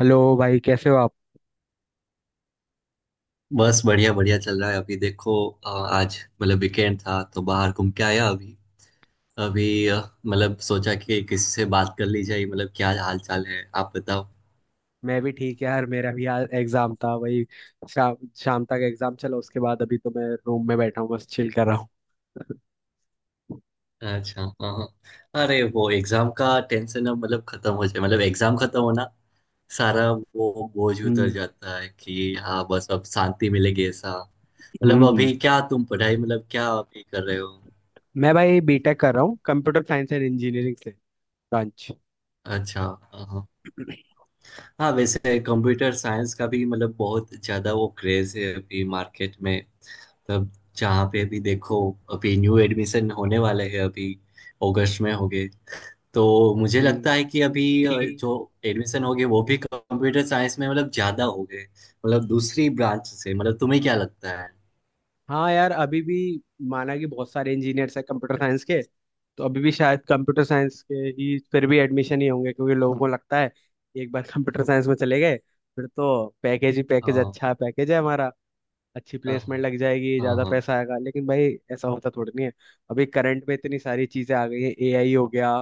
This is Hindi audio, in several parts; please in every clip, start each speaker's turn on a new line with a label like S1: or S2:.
S1: हेलो भाई, कैसे हो आप।
S2: बस बढ़िया बढ़िया चल रहा है अभी देखो। आज मतलब वीकेंड था तो बाहर घूम के आया। अभी अभी मतलब सोचा कि किसी से बात कर ली जाए, मतलब क्या हाल चाल है? आप बताओ।
S1: मैं भी ठीक यार, मेरा भी यार एग्जाम था। वही शाम शाम तक एग्जाम चला, उसके बाद अभी तो मैं रूम में बैठा हूँ, बस चिल कर रहा हूँ।
S2: अच्छा, हाँ हाँ। अरे वो एग्जाम का टेंशन अब मतलब खत्म हो जाए, मतलब एग्जाम खत्म होना, सारा वो बोझ उतर
S1: हम्म।
S2: जाता है कि हाँ बस अब शांति मिलेगी, ऐसा। मतलब
S1: हम्म।
S2: अभी क्या तुम पढ़ाई मतलब क्या अभी कर रहे हो?
S1: मैं भाई B.Tech कर रहा हूँ, कंप्यूटर साइंस एंड इंजीनियरिंग से ब्रांच।
S2: अच्छा हाँ, हाँ। हाँ, वैसे कंप्यूटर साइंस का भी मतलब बहुत ज्यादा वो क्रेज है अभी मार्केट में, मतलब जहाँ पे भी देखो। अभी न्यू एडमिशन होने वाले हैं, अभी अगस्त में होंगे। तो मुझे
S1: हम्म।
S2: लगता है कि अभी
S1: ठीक।
S2: जो एडमिशन होंगे वो भी कंप्यूटर साइंस में मतलब ज्यादा होंगे, मतलब दूसरी ब्रांच से। मतलब तुम्हें क्या लगता है?
S1: हाँ यार, अभी भी माना कि बहुत सारे इंजीनियर्स हैं कंप्यूटर साइंस के, तो अभी भी शायद कंप्यूटर साइंस के ही फिर भी एडमिशन ही होंगे, क्योंकि लोगों को लगता है कि एक बार कंप्यूटर साइंस में चले गए फिर तो पैकेज ही पैकेज,
S2: हाँ,
S1: अच्छा पैकेज है हमारा, अच्छी
S2: हाँ,
S1: प्लेसमेंट लग जाएगी,
S2: हाँ,
S1: ज्यादा
S2: हाँ,
S1: पैसा आएगा। लेकिन भाई ऐसा होता थोड़ी नहीं है। अभी करंट में इतनी सारी चीजें आ गई हैं, एआई हो गया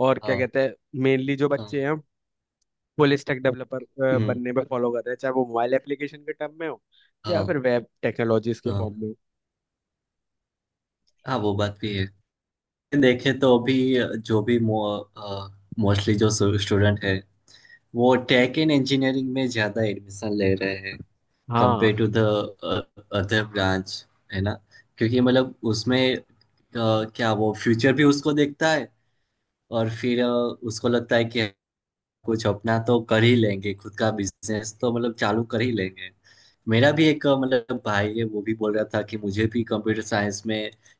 S1: और क्या
S2: हाँ,
S1: कहते हैं, मेनली जो
S2: हाँ,
S1: बच्चे हैं फुल स्टैक डेवलपर
S2: हम्म,
S1: बनने में फॉलो कर रहे हैं, चाहे वो मोबाइल एप्लीकेशन के टर्म में हो या
S2: हाँ,
S1: फिर वेब टेक्नोलॉजीज के
S2: हाँ,
S1: फॉर्म में हो।
S2: हाँ, वो बात भी है। देखे तो अभी जो भी मोस्टली जो स्टूडेंट है वो टेक एंड इंजीनियरिंग में ज्यादा एडमिशन ले रहे हैं,
S1: हाँ,
S2: compare to the other branch, है ना। क्योंकि मतलब उसमें क्या वो फ्यूचर भी उसको देखता है, और फिर उसको लगता है कि कुछ अपना तो कर ही लेंगे, खुद का बिजनेस तो मतलब चालू कर ही लेंगे। मेरा भी एक मतलब भाई है, वो भी बोल रहा था कि मुझे भी कंप्यूटर साइंस में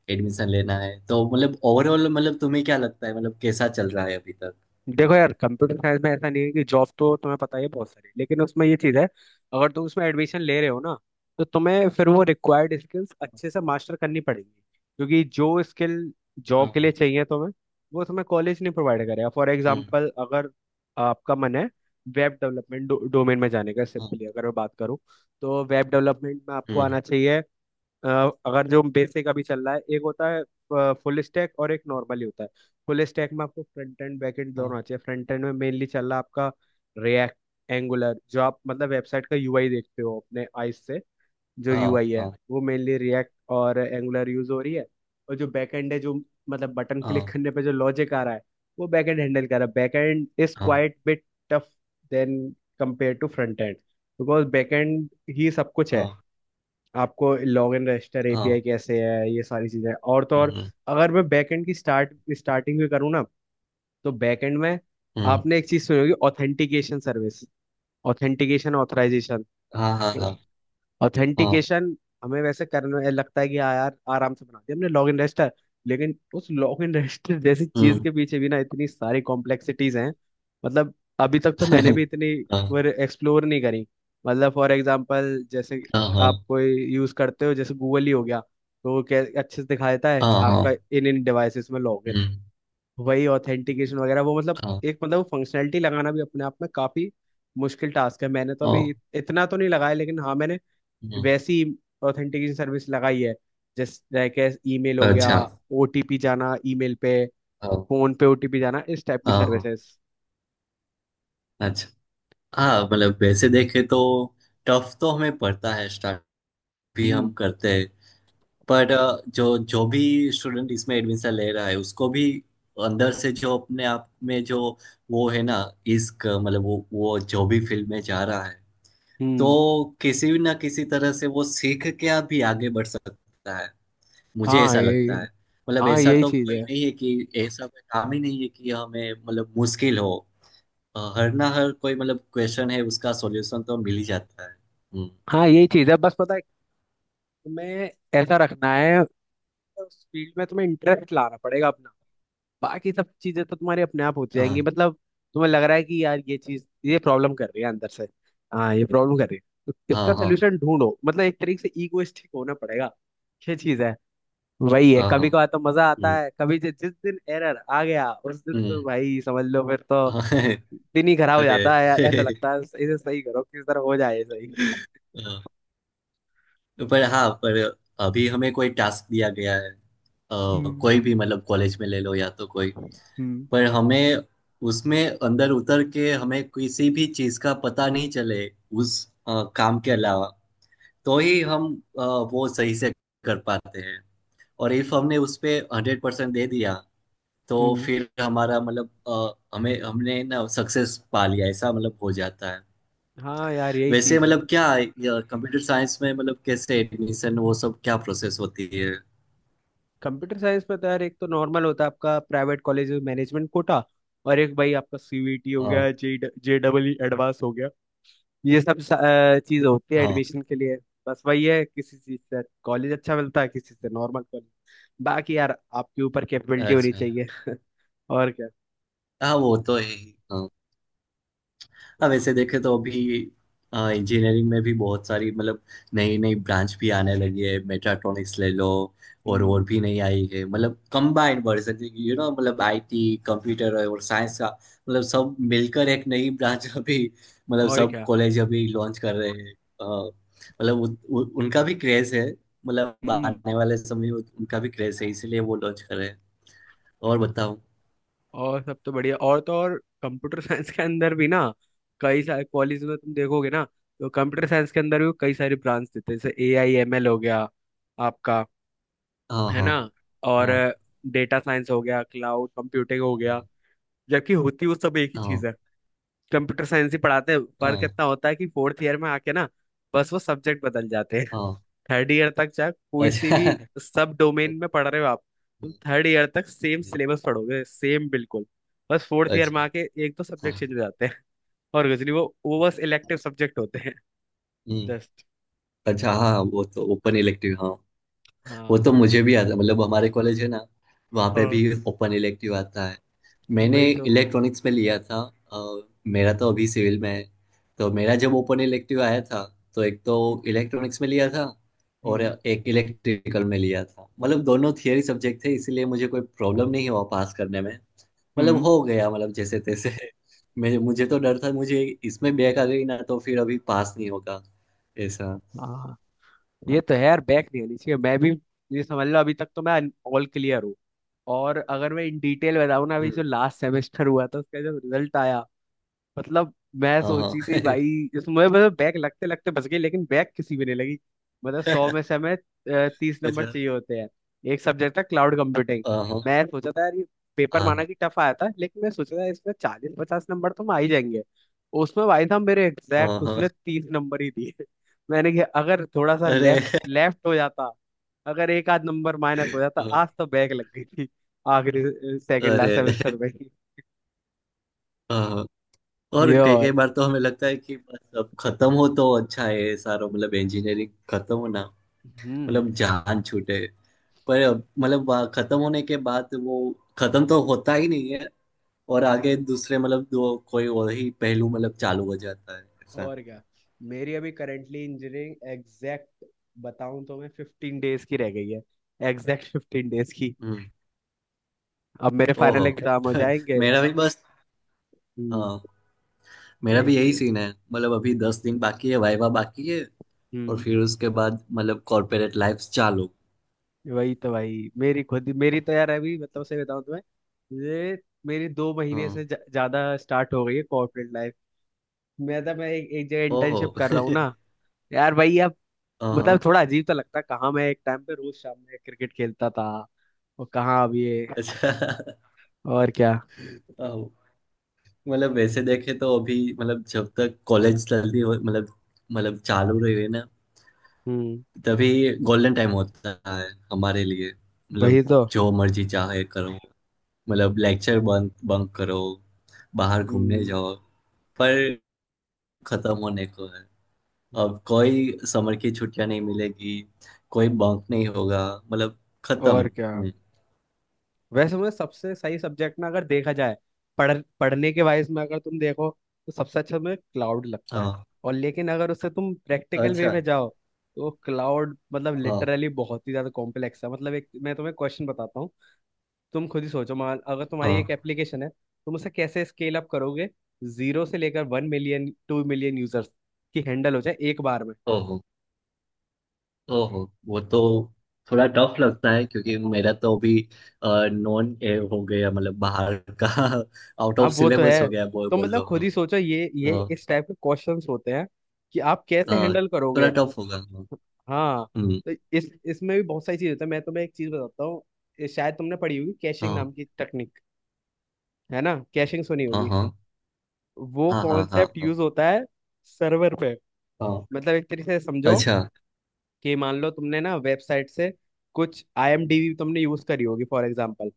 S2: एडमिशन लेना है। तो मतलब ओवरऑल मतलब तुम्हें क्या लगता है, मतलब कैसा चल रहा है अभी तक?
S1: देखो यार कंप्यूटर साइंस में ऐसा नहीं है, कि जॉब तो तुम्हें पता ही है बहुत सारी, लेकिन उसमें ये चीज़ है, अगर तुम उसमें एडमिशन ले रहे हो ना, तो तुम्हें फिर वो रिक्वायर्ड स्किल्स अच्छे से मास्टर करनी पड़ेंगी, क्योंकि जो स्किल जॉब के लिए
S2: हाँ,
S1: चाहिए तुम्हें, वो तुम्हें कॉलेज नहीं प्रोवाइड करेगा। फॉर
S2: हम्म,
S1: एग्जाम्पल, अगर आपका मन है वेब डेवलपमेंट डोमेन में जाने का,
S2: हम्म,
S1: सिंपली अगर मैं बात करूँ, तो वेब डेवलपमेंट में आपको आना चाहिए। अ, अगर जो बेसिक अभी चल रहा है, एक होता है फुल स्टैक और एक नॉर्मली होता है। फुल स्टैक में आपको फ्रंट एंड बैक एंड
S2: हम्म,
S1: दोनों चाहिए। फ्रंट एंड में मेनली चल रहा है आपका रिएक्ट एंगुलर, जो आप मतलब वेबसाइट का यूआई देखते हो अपने आईज से, जो
S2: हाँ,
S1: यूआई है
S2: हाँ,
S1: वो मेनली रिएक्ट और एंगुलर यूज हो रही है। और जो बैक एंड है, जो मतलब बटन क्लिक
S2: हाँ,
S1: करने पे जो लॉजिक आ रहा है, वो बैक एंड हैंडल कर रहा है। बैक एंड इज
S2: हाँ,
S1: quite bit tough than compare to front end, because back end ही सब कुछ है।
S2: हाँ,
S1: आपको लॉग इन रजिस्टर
S2: हाँ,
S1: एपीआई कैसे है, ये सारी चीजें, और तो और
S2: हम्म,
S1: अगर मैं बैकएंड की स्टार्टिंग में करूँ ना, तो बैकएंड में
S2: हम्म,
S1: आपने एक चीज सुनी होगी, ऑथेंटिकेशन सर्विस, ऑथेंटिकेशन, ऑथराइजेशन।
S2: हाँ, हाँ, हाँ, हाँ,
S1: ऑथेंटिकेशन हमें वैसे करना लगता है कि हाँ यार आराम से बना दिया हमने लॉग इन रजिस्टर, लेकिन उस लॉग इन रजिस्टर जैसी चीज
S2: हम्म,
S1: के पीछे भी ना इतनी सारी कॉम्प्लेक्सिटीज हैं। मतलब अभी तक तो मैंने भी इतनी
S2: हाँ,
S1: एक्सप्लोर नहीं करी। मतलब फॉर एग्जांपल, जैसे
S2: हाँ, हाँ,
S1: आप कोई यूज करते हो, जैसे गूगल ही हो गया, तो वो क्या अच्छे से दिखा देता है कि
S2: हाँ, हाँ,
S1: आपका इन इन डिवाइसेस में लॉग इन है।
S2: हम्म,
S1: वही ऑथेंटिकेशन वगैरह वो मतलब
S2: हाँ,
S1: एक मतलब फंक्शनैलिटी लगाना भी अपने आप में काफी मुश्किल टास्क है। मैंने तो अभी
S2: हाँ,
S1: इतना तो नहीं लगाया, लेकिन हाँ मैंने
S2: हम्म,
S1: वैसी ऑथेंटिकेशन सर्विस लगाई है, जैसे कैसे ईमेल हो गया,
S2: अच्छा,
S1: ओटीपी जाना ईमेल पे,
S2: हाँ,
S1: फोन पे ओटीपी जाना, इस टाइप की
S2: हाँ, हाँ,
S1: सर्विसेज।
S2: अच्छा। हाँ मतलब वैसे देखे तो टफ तो हमें पड़ता है, स्टार्ट भी हम
S1: हम्म।
S2: करते हैं। पर जो जो भी स्टूडेंट इसमें एडमिशन ले रहा है उसको भी अंदर से जो अपने आप में जो वो है ना इश्क, मतलब वो जो भी फील्ड में जा रहा है,
S1: हम्म।
S2: तो किसी भी ना किसी तरह से वो सीख के अभी आगे बढ़ सकता है, मुझे
S1: हाँ
S2: ऐसा
S1: यही
S2: लगता है। मतलब
S1: हाँ
S2: ऐसा
S1: यही
S2: तो
S1: चीज
S2: कोई
S1: है
S2: नहीं है कि ऐसा कोई काम ही नहीं है कि हमें मतलब मुश्किल हो। हर ना हर कोई मतलब क्वेश्चन है उसका सॉल्यूशन तो मिल ही जाता है।
S1: हाँ यही चीज है, बस पता है तुम्हें, ऐसा रखना है, उस फील्ड में तुम्हें इंटरेस्ट लाना पड़ेगा अपना। बाकी सब चीजें तो तुम्हारी अपने आप होती जाएंगी।
S2: हाँ,
S1: मतलब तुम्हें लग रहा है कि यार ये चीज ये प्रॉब्लम कर रही है अंदर से, हाँ ये प्रॉब्लम कर रही है, तो
S2: हाँ,
S1: इसका
S2: हाँ,
S1: सोल्यूशन ढूंढो। मतलब एक तरीके से इगोइस्टिक होना पड़ेगा, ये चीज है। वही है,
S2: हाँ, हाँ,
S1: कभी कभार तो मजा आता
S2: हम्म,
S1: है, कभी जिस दिन एरर आ गया उस दिन तो
S2: हम्म,
S1: भाई समझ लो, फिर तो
S2: हाँ,
S1: दिन ही खराब हो जाता
S2: अरे,
S1: है यार, ऐसा लगता है इसे सही करो, किस तरह हो जाए ये सही।
S2: हाँ, पर हाँ, पर अभी हमें कोई टास्क दिया गया है।
S1: हम्म।
S2: कोई भी मतलब कॉलेज में ले लो या तो कोई,
S1: हम्म।
S2: पर हमें उसमें अंदर उतर के हमें किसी भी चीज का पता नहीं चले उस काम के अलावा, तो ही हम अ, वो सही से कर पाते हैं। और इफ हमने उस पे 100% दे दिया, तो
S1: हम्म।
S2: फिर हमारा मतलब हमें हमने ना सक्सेस पा लिया, ऐसा मतलब हो जाता है।
S1: हाँ यार, यही
S2: वैसे
S1: चीज है।
S2: मतलब क्या कंप्यूटर साइंस में मतलब कैसे एडमिशन वो सब क्या प्रोसेस होती है?
S1: कंप्यूटर साइंस में तो यार एक तो नॉर्मल होता है आपका प्राइवेट कॉलेज मैनेजमेंट कोटा, और एक भाई आपका सीवीटी हो
S2: हाँ,
S1: गया, J J double E advance हो गया, ये सब चीज होती है
S2: हाँ,
S1: एडमिशन के लिए। बस वही है, किसी चीज से कॉलेज अच्छा मिलता है, किसी से नॉर्मल कॉलेज। बाकी यार आपके ऊपर कैपेबिलिटी होनी
S2: अच्छा,
S1: चाहिए। और क्या।
S2: हाँ वो तो है ही हाँ। हाँ वैसे देखे तो अभी इंजीनियरिंग में भी बहुत सारी मतलब नई नई ब्रांच भी आने लगी है, मेट्राट्रॉनिक्स ले लो। और
S1: हम्म।
S2: भी नई आई है, मतलब कंबाइंड वर्जन, मतलब आईटी कंप्यूटर और साइंस का मतलब सब मिलकर एक नई ब्रांच अभी मतलब
S1: और
S2: सब
S1: क्या।
S2: कॉलेज अभी लॉन्च कर रहे हैं। अ, मतलब उनका भी क्रेज है, मतलब
S1: हम्म।
S2: आने वाले समय में उनका भी क्रेज है इसीलिए वो लॉन्च कर रहे हैं। और बताओ?
S1: और सब तो बढ़िया, और तो और कंप्यूटर साइंस के अंदर भी ना कई सारे कॉलेज में तुम देखोगे ना, तो कंप्यूटर साइंस के अंदर भी कई सारी ब्रांच देते हैं, जैसे AIML हो गया आपका,
S2: हाँ,
S1: है
S2: हाँ,
S1: ना। और
S2: हाँ,
S1: डेटा साइंस हो गया, क्लाउड कंप्यूटिंग हो गया, जबकि होती वो सब एक ही
S2: हाँ, हाँ,
S1: चीज है, कंप्यूटर साइंस ही पढ़ाते हैं। फर्क
S2: हाँ,
S1: इतना होता है कि फोर्थ ईयर में आके ना बस वो सब्जेक्ट बदल जाते हैं।
S2: हाँ,
S1: थर्ड ईयर तक चाहे कोई सी
S2: अच्छा,
S1: भी सब डोमेन में पढ़ रहे हो आप, तुम थर्ड ईयर तक सेम
S2: हम्म,
S1: सिलेबस पढ़ोगे, सेम बिल्कुल। बस फोर्थ ईयर में
S2: अच्छा,
S1: आके एक तो
S2: हाँ,
S1: सब्जेक्ट चेंज हो जाते हैं और कुछ नहीं, वो बस इलेक्टिव सब्जेक्ट होते हैं
S2: हम्म,
S1: जस्ट।
S2: अच्छा, हाँ वो तो ओपन इलेक्टिव, हाँ। वो
S1: हाँ
S2: तो मुझे भी आता, मतलब हमारे कॉलेज है ना, वहाँ पे
S1: हाँ,
S2: भी ओपन इलेक्टिव आता है। मैंने
S1: वही तो।
S2: इलेक्ट्रॉनिक्स में लिया था। अ, मेरा तो अभी सिविल में है, तो मेरा जब ओपन इलेक्टिव आया था तो एक तो
S1: हम्म।
S2: इलेक्ट्रॉनिक्स में लिया था और
S1: हम्म।
S2: एक इलेक्ट्रिकल में लिया था, मतलब दोनों थियरी सब्जेक्ट थे इसीलिए मुझे कोई प्रॉब्लम नहीं हुआ पास करने में। मतलब
S1: हम्म।
S2: हो गया मतलब जैसे तैसे। मैं मुझे तो डर था, मुझे इसमें बैक आ गई ना तो फिर अभी पास नहीं होगा, ऐसा।
S1: हाँ, ये तो है यार, बैक नहीं होनी चाहिए। मैं भी ये समझ लो अभी तक तो मैं ऑल क्लियर हूँ। और अगर मैं इन डिटेल बताऊँ ना, अभी
S2: हम्म,
S1: जो लास्ट सेमेस्टर हुआ था उसका जब रिजल्ट आया, मतलब मैं
S2: हाँ, हाँ,
S1: सोची थी भाई इसमें मतलब बैक लगते लगते बच गई, लेकिन बैक किसी भी नहीं लगी। मतलब सौ में से हमें 30 नंबर
S2: अच्छा,
S1: चाहिए होते हैं। एक सब्जेक्ट था क्लाउड कंप्यूटिंग,
S2: हाँ हाँ।
S1: मैं सोचा था यार ये पेपर माना
S2: हाँ,
S1: कि टफ आया था, लेकिन मैं सोचा था इसमें 40-50 नंबर तो आ ही जाएंगे। उसमें भाई साहब मेरे
S2: हाँ,
S1: एग्जैक्ट उसने
S2: हाँ,
S1: 30 नंबर ही दिए। मैंने कहा अगर थोड़ा सा
S2: अरे,
S1: लेफ्ट लेफ्ट हो जाता, अगर एक आध नंबर माइनस हो जाता आज तो बैक लग गई थी, आखिरी सेकंड लास्ट
S2: अरे,
S1: सेमेस्टर में।
S2: हाँ, हाँ, और
S1: ये
S2: कई
S1: और।
S2: कई बार तो हमें लगता है कि बस अब खत्म हो तो अच्छा है, ये सारा मतलब इंजीनियरिंग खत्म हो ना,
S1: हम्म।
S2: मतलब जान छूटे। पर अब मतलब वहाँ खत्म होने के बाद वो खत्म तो होता ही नहीं है, और आगे
S1: हम्म।
S2: दूसरे मतलब दो कोई और ही पहलू मतलब चालू हो जाता है, ऐसा।
S1: और क्या, मेरी अभी करेंटली इंजीनियरिंग एग्जैक्ट बताऊं तो मैं 15 डेज की रह गई है, एग्जैक्ट 15 डेज की।
S2: हम्म,
S1: अब मेरे
S2: ओहो,
S1: फाइनल एग्जाम हो जाएंगे।
S2: मेरा भी बस,
S1: हम्म,
S2: हाँ, मेरा
S1: यही
S2: भी
S1: चीज
S2: यही
S1: है।
S2: सीन है, मतलब अभी 10 दिन बाकी है, वाइवा बाकी है, और
S1: हम्म,
S2: फिर उसके बाद मतलब कॉर्पोरेट लाइफ चालू।
S1: वही तो भाई। मेरी खुद मेरी तो यार अभी मतलब सही बताऊं तुम्हें, ये मेरी 2 महीने से
S2: हाँ,
S1: ज्यादा स्टार्ट हो गई है कॉर्पोरेट लाइफ। मैं तो मैं एक जगह
S2: ओहो,
S1: इंटर्नशिप कर रहा हूँ ना। यार भाई अब मतलब
S2: हाँ,
S1: थोड़ा अजीब तो लगता है, कहाँ मैं एक टाइम पे रोज शाम में क्रिकेट खेलता था, और कहाँ अब ये।
S2: अच्छा,
S1: और क्या।
S2: आओ। मतलब वैसे देखे तो अभी मतलब जब तक कॉलेज चलती हो, मतलब चालू रही है ना,
S1: हम्म,
S2: तभी गोल्डन टाइम होता है हमारे लिए, मतलब
S1: वही तो।
S2: जो मर्जी चाहे करो, मतलब लेक्चर बंक बंक करो, बाहर घूमने
S1: हम्म,
S2: जाओ, पर खत्म होने को है।
S1: हम्म।
S2: अब कोई समर की छुट्टियां नहीं मिलेगी, कोई बंक नहीं होगा, मतलब खत्म।
S1: और क्या, वैसे मुझे सबसे सही सब्जेक्ट ना अगर देखा जाए पढ़ने के वाइज में, अगर तुम देखो तो सबसे अच्छा मुझे क्लाउड लगता है।
S2: हाँ,
S1: और लेकिन अगर उससे तुम प्रैक्टिकल वे
S2: अच्छा,
S1: में जाओ, तो क्लाउड मतलब
S2: हाँ,
S1: लिटरली बहुत ही ज्यादा कॉम्प्लेक्स है। मतलब एक मैं तुम्हें क्वेश्चन बताता हूँ, तुम खुद ही सोचो, मान अगर तुम्हारी
S2: हाँ,
S1: एक एप्लीकेशन है, तुम उसे कैसे स्केल अप करोगे, जीरो से लेकर 1 मिलियन 2 मिलियन यूजर्स की हैंडल हो जाए एक बार में।
S2: ओहो, ओहो, वो तो थोड़ा टफ लगता है क्योंकि मेरा तो अभी नॉन ए हो गया, मतलब बाहर का आउट
S1: हाँ,
S2: ऑफ
S1: वो तो
S2: सिलेबस
S1: है,
S2: हो गया, बोल
S1: तो
S2: बोल
S1: मतलब
S2: लो
S1: खुद
S2: हाँ।
S1: ही सोचो ये
S2: हाँ,
S1: इस टाइप के क्वेश्चंस होते हैं कि आप कैसे
S2: हाँ,
S1: हैंडल
S2: थोड़ा
S1: करोगे।
S2: टफ होगा, हाँ।
S1: हाँ,
S2: हम्म,
S1: तो इस इसमें भी बहुत सारी चीज होता है। मैं तुम्हें एक चीज बताता हूँ, ये शायद तुमने पढ़ी होगी कैशिंग
S2: हाँ,
S1: नाम की टेक्निक, है ना। कैशिंग सुनी
S2: हाँ,
S1: होगी,
S2: हाँ,
S1: वो
S2: हाँ, हाँ, हाँ,
S1: कॉन्सेप्ट
S2: हाँ,
S1: यूज होता है सर्वर पे।
S2: हाँ,
S1: मतलब एक तरीके से समझो,
S2: अच्छा,
S1: कि मान लो तुमने ना वेबसाइट से कुछ आईएमडीबी तुमने यूज करी होगी फॉर एग्जांपल,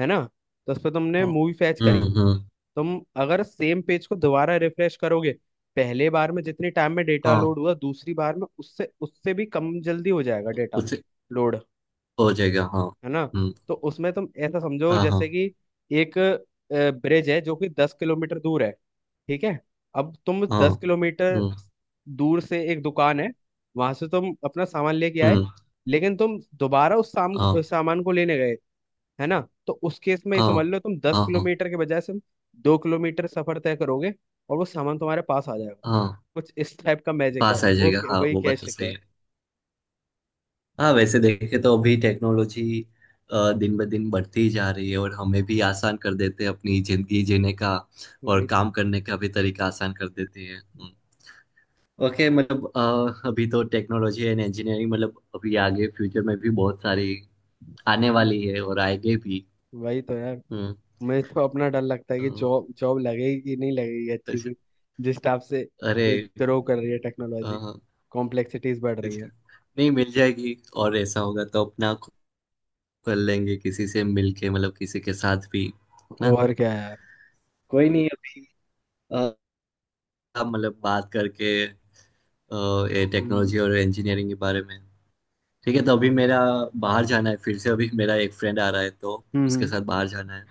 S1: है ना। तो उस पर तुमने
S2: हाँ,
S1: मूवी फैच करी,
S2: हम्म, हम्म,
S1: तुम अगर सेम पेज को दोबारा रिफ्रेश करोगे, पहले बार में जितने टाइम में डेटा
S2: हाँ
S1: लोड हुआ, दूसरी बार में उससे उससे भी कम जल्दी हो जाएगा डेटा
S2: उसे
S1: लोड,
S2: हो जाएगा, हाँ,
S1: है ना।
S2: हम्म,
S1: तो उसमें तुम ऐसा समझो,
S2: हाँ, हाँ,
S1: जैसे कि एक ब्रिज है जो कि 10 किलोमीटर दूर है, ठीक है। अब तुम
S2: हाँ,
S1: 10 किलोमीटर
S2: हम्म,
S1: दूर से, एक दुकान है वहां से तुम अपना सामान लेके आए,
S2: हम्म,
S1: लेकिन तुम दोबारा उस साम,
S2: हाँ,
S1: सामान को लेने गए, है ना। तो उस केस में ये
S2: हाँ,
S1: समझ लो, तुम दस
S2: हाँ, हाँ,
S1: किलोमीटर के बजाय सिर्फ 2 किलोमीटर सफर तय करोगे, और वो सामान तुम्हारे पास आ जाएगा।
S2: हाँ,
S1: कुछ इस टाइप का मैजिक है,
S2: पास आ
S1: वो
S2: जाएगा, हाँ
S1: वही
S2: वो बात
S1: कैश
S2: तो
S1: है।
S2: सही है। हाँ वैसे देखे तो अभी टेक्नोलॉजी दिन ब दिन बढ़ती ही जा रही है, और हमें भी आसान कर देते हैं अपनी जिंदगी जीने का, और
S1: वही तो।
S2: काम करने का भी तरीका आसान कर देती है। हम्म। ओके मतलब अभी तो टेक्नोलॉजी एंड इंजीनियरिंग मतलब अभी आगे फ्यूचर में भी बहुत सारी आने
S1: हम्म,
S2: वाली है और आएंगे भी।
S1: वही तो यार,
S2: हम्म,
S1: मुझे तो अपना डर लगता है
S2: अ,
S1: कि जॉब जॉब लगेगी कि नहीं लगेगी अच्छी
S2: अच्छा,
S1: सी, जिस टाइप से
S2: अरे,
S1: ग्रो कर रही है टेक्नोलॉजी, कॉम्प्लेक्सिटीज बढ़ रही है।
S2: अच्छा, नहीं मिल जाएगी, और ऐसा होगा तो अपना कर लेंगे, किसी से मिलके मतलब किसी के साथ भी, ना।
S1: और क्या यार।
S2: कोई नहीं अभी, अ, अब मतलब बात करके अ, ये
S1: हम्म।
S2: टेक्नोलॉजी और इंजीनियरिंग के बारे में, ठीक है। तो अभी मेरा बाहर जाना है, फिर से अभी मेरा एक फ्रेंड आ रहा है तो
S1: हम्म।
S2: उसके
S1: हम्म।
S2: साथ बाहर जाना है।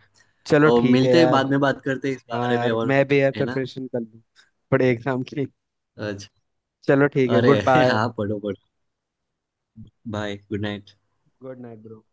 S1: चलो
S2: तो
S1: ठीक है
S2: मिलते हैं,
S1: यार।
S2: बाद में बात करते हैं इस
S1: हाँ
S2: बारे में
S1: यार,
S2: और,
S1: मैं भी यार
S2: है ना।
S1: प्रिपरेशन कर लूँ बड़े एग्जाम की।
S2: अच्छा,
S1: चलो ठीक है,
S2: अरे,
S1: गुड बाय।
S2: हाँ पढ़ो पढ़ो, bye good night.
S1: Good night bro.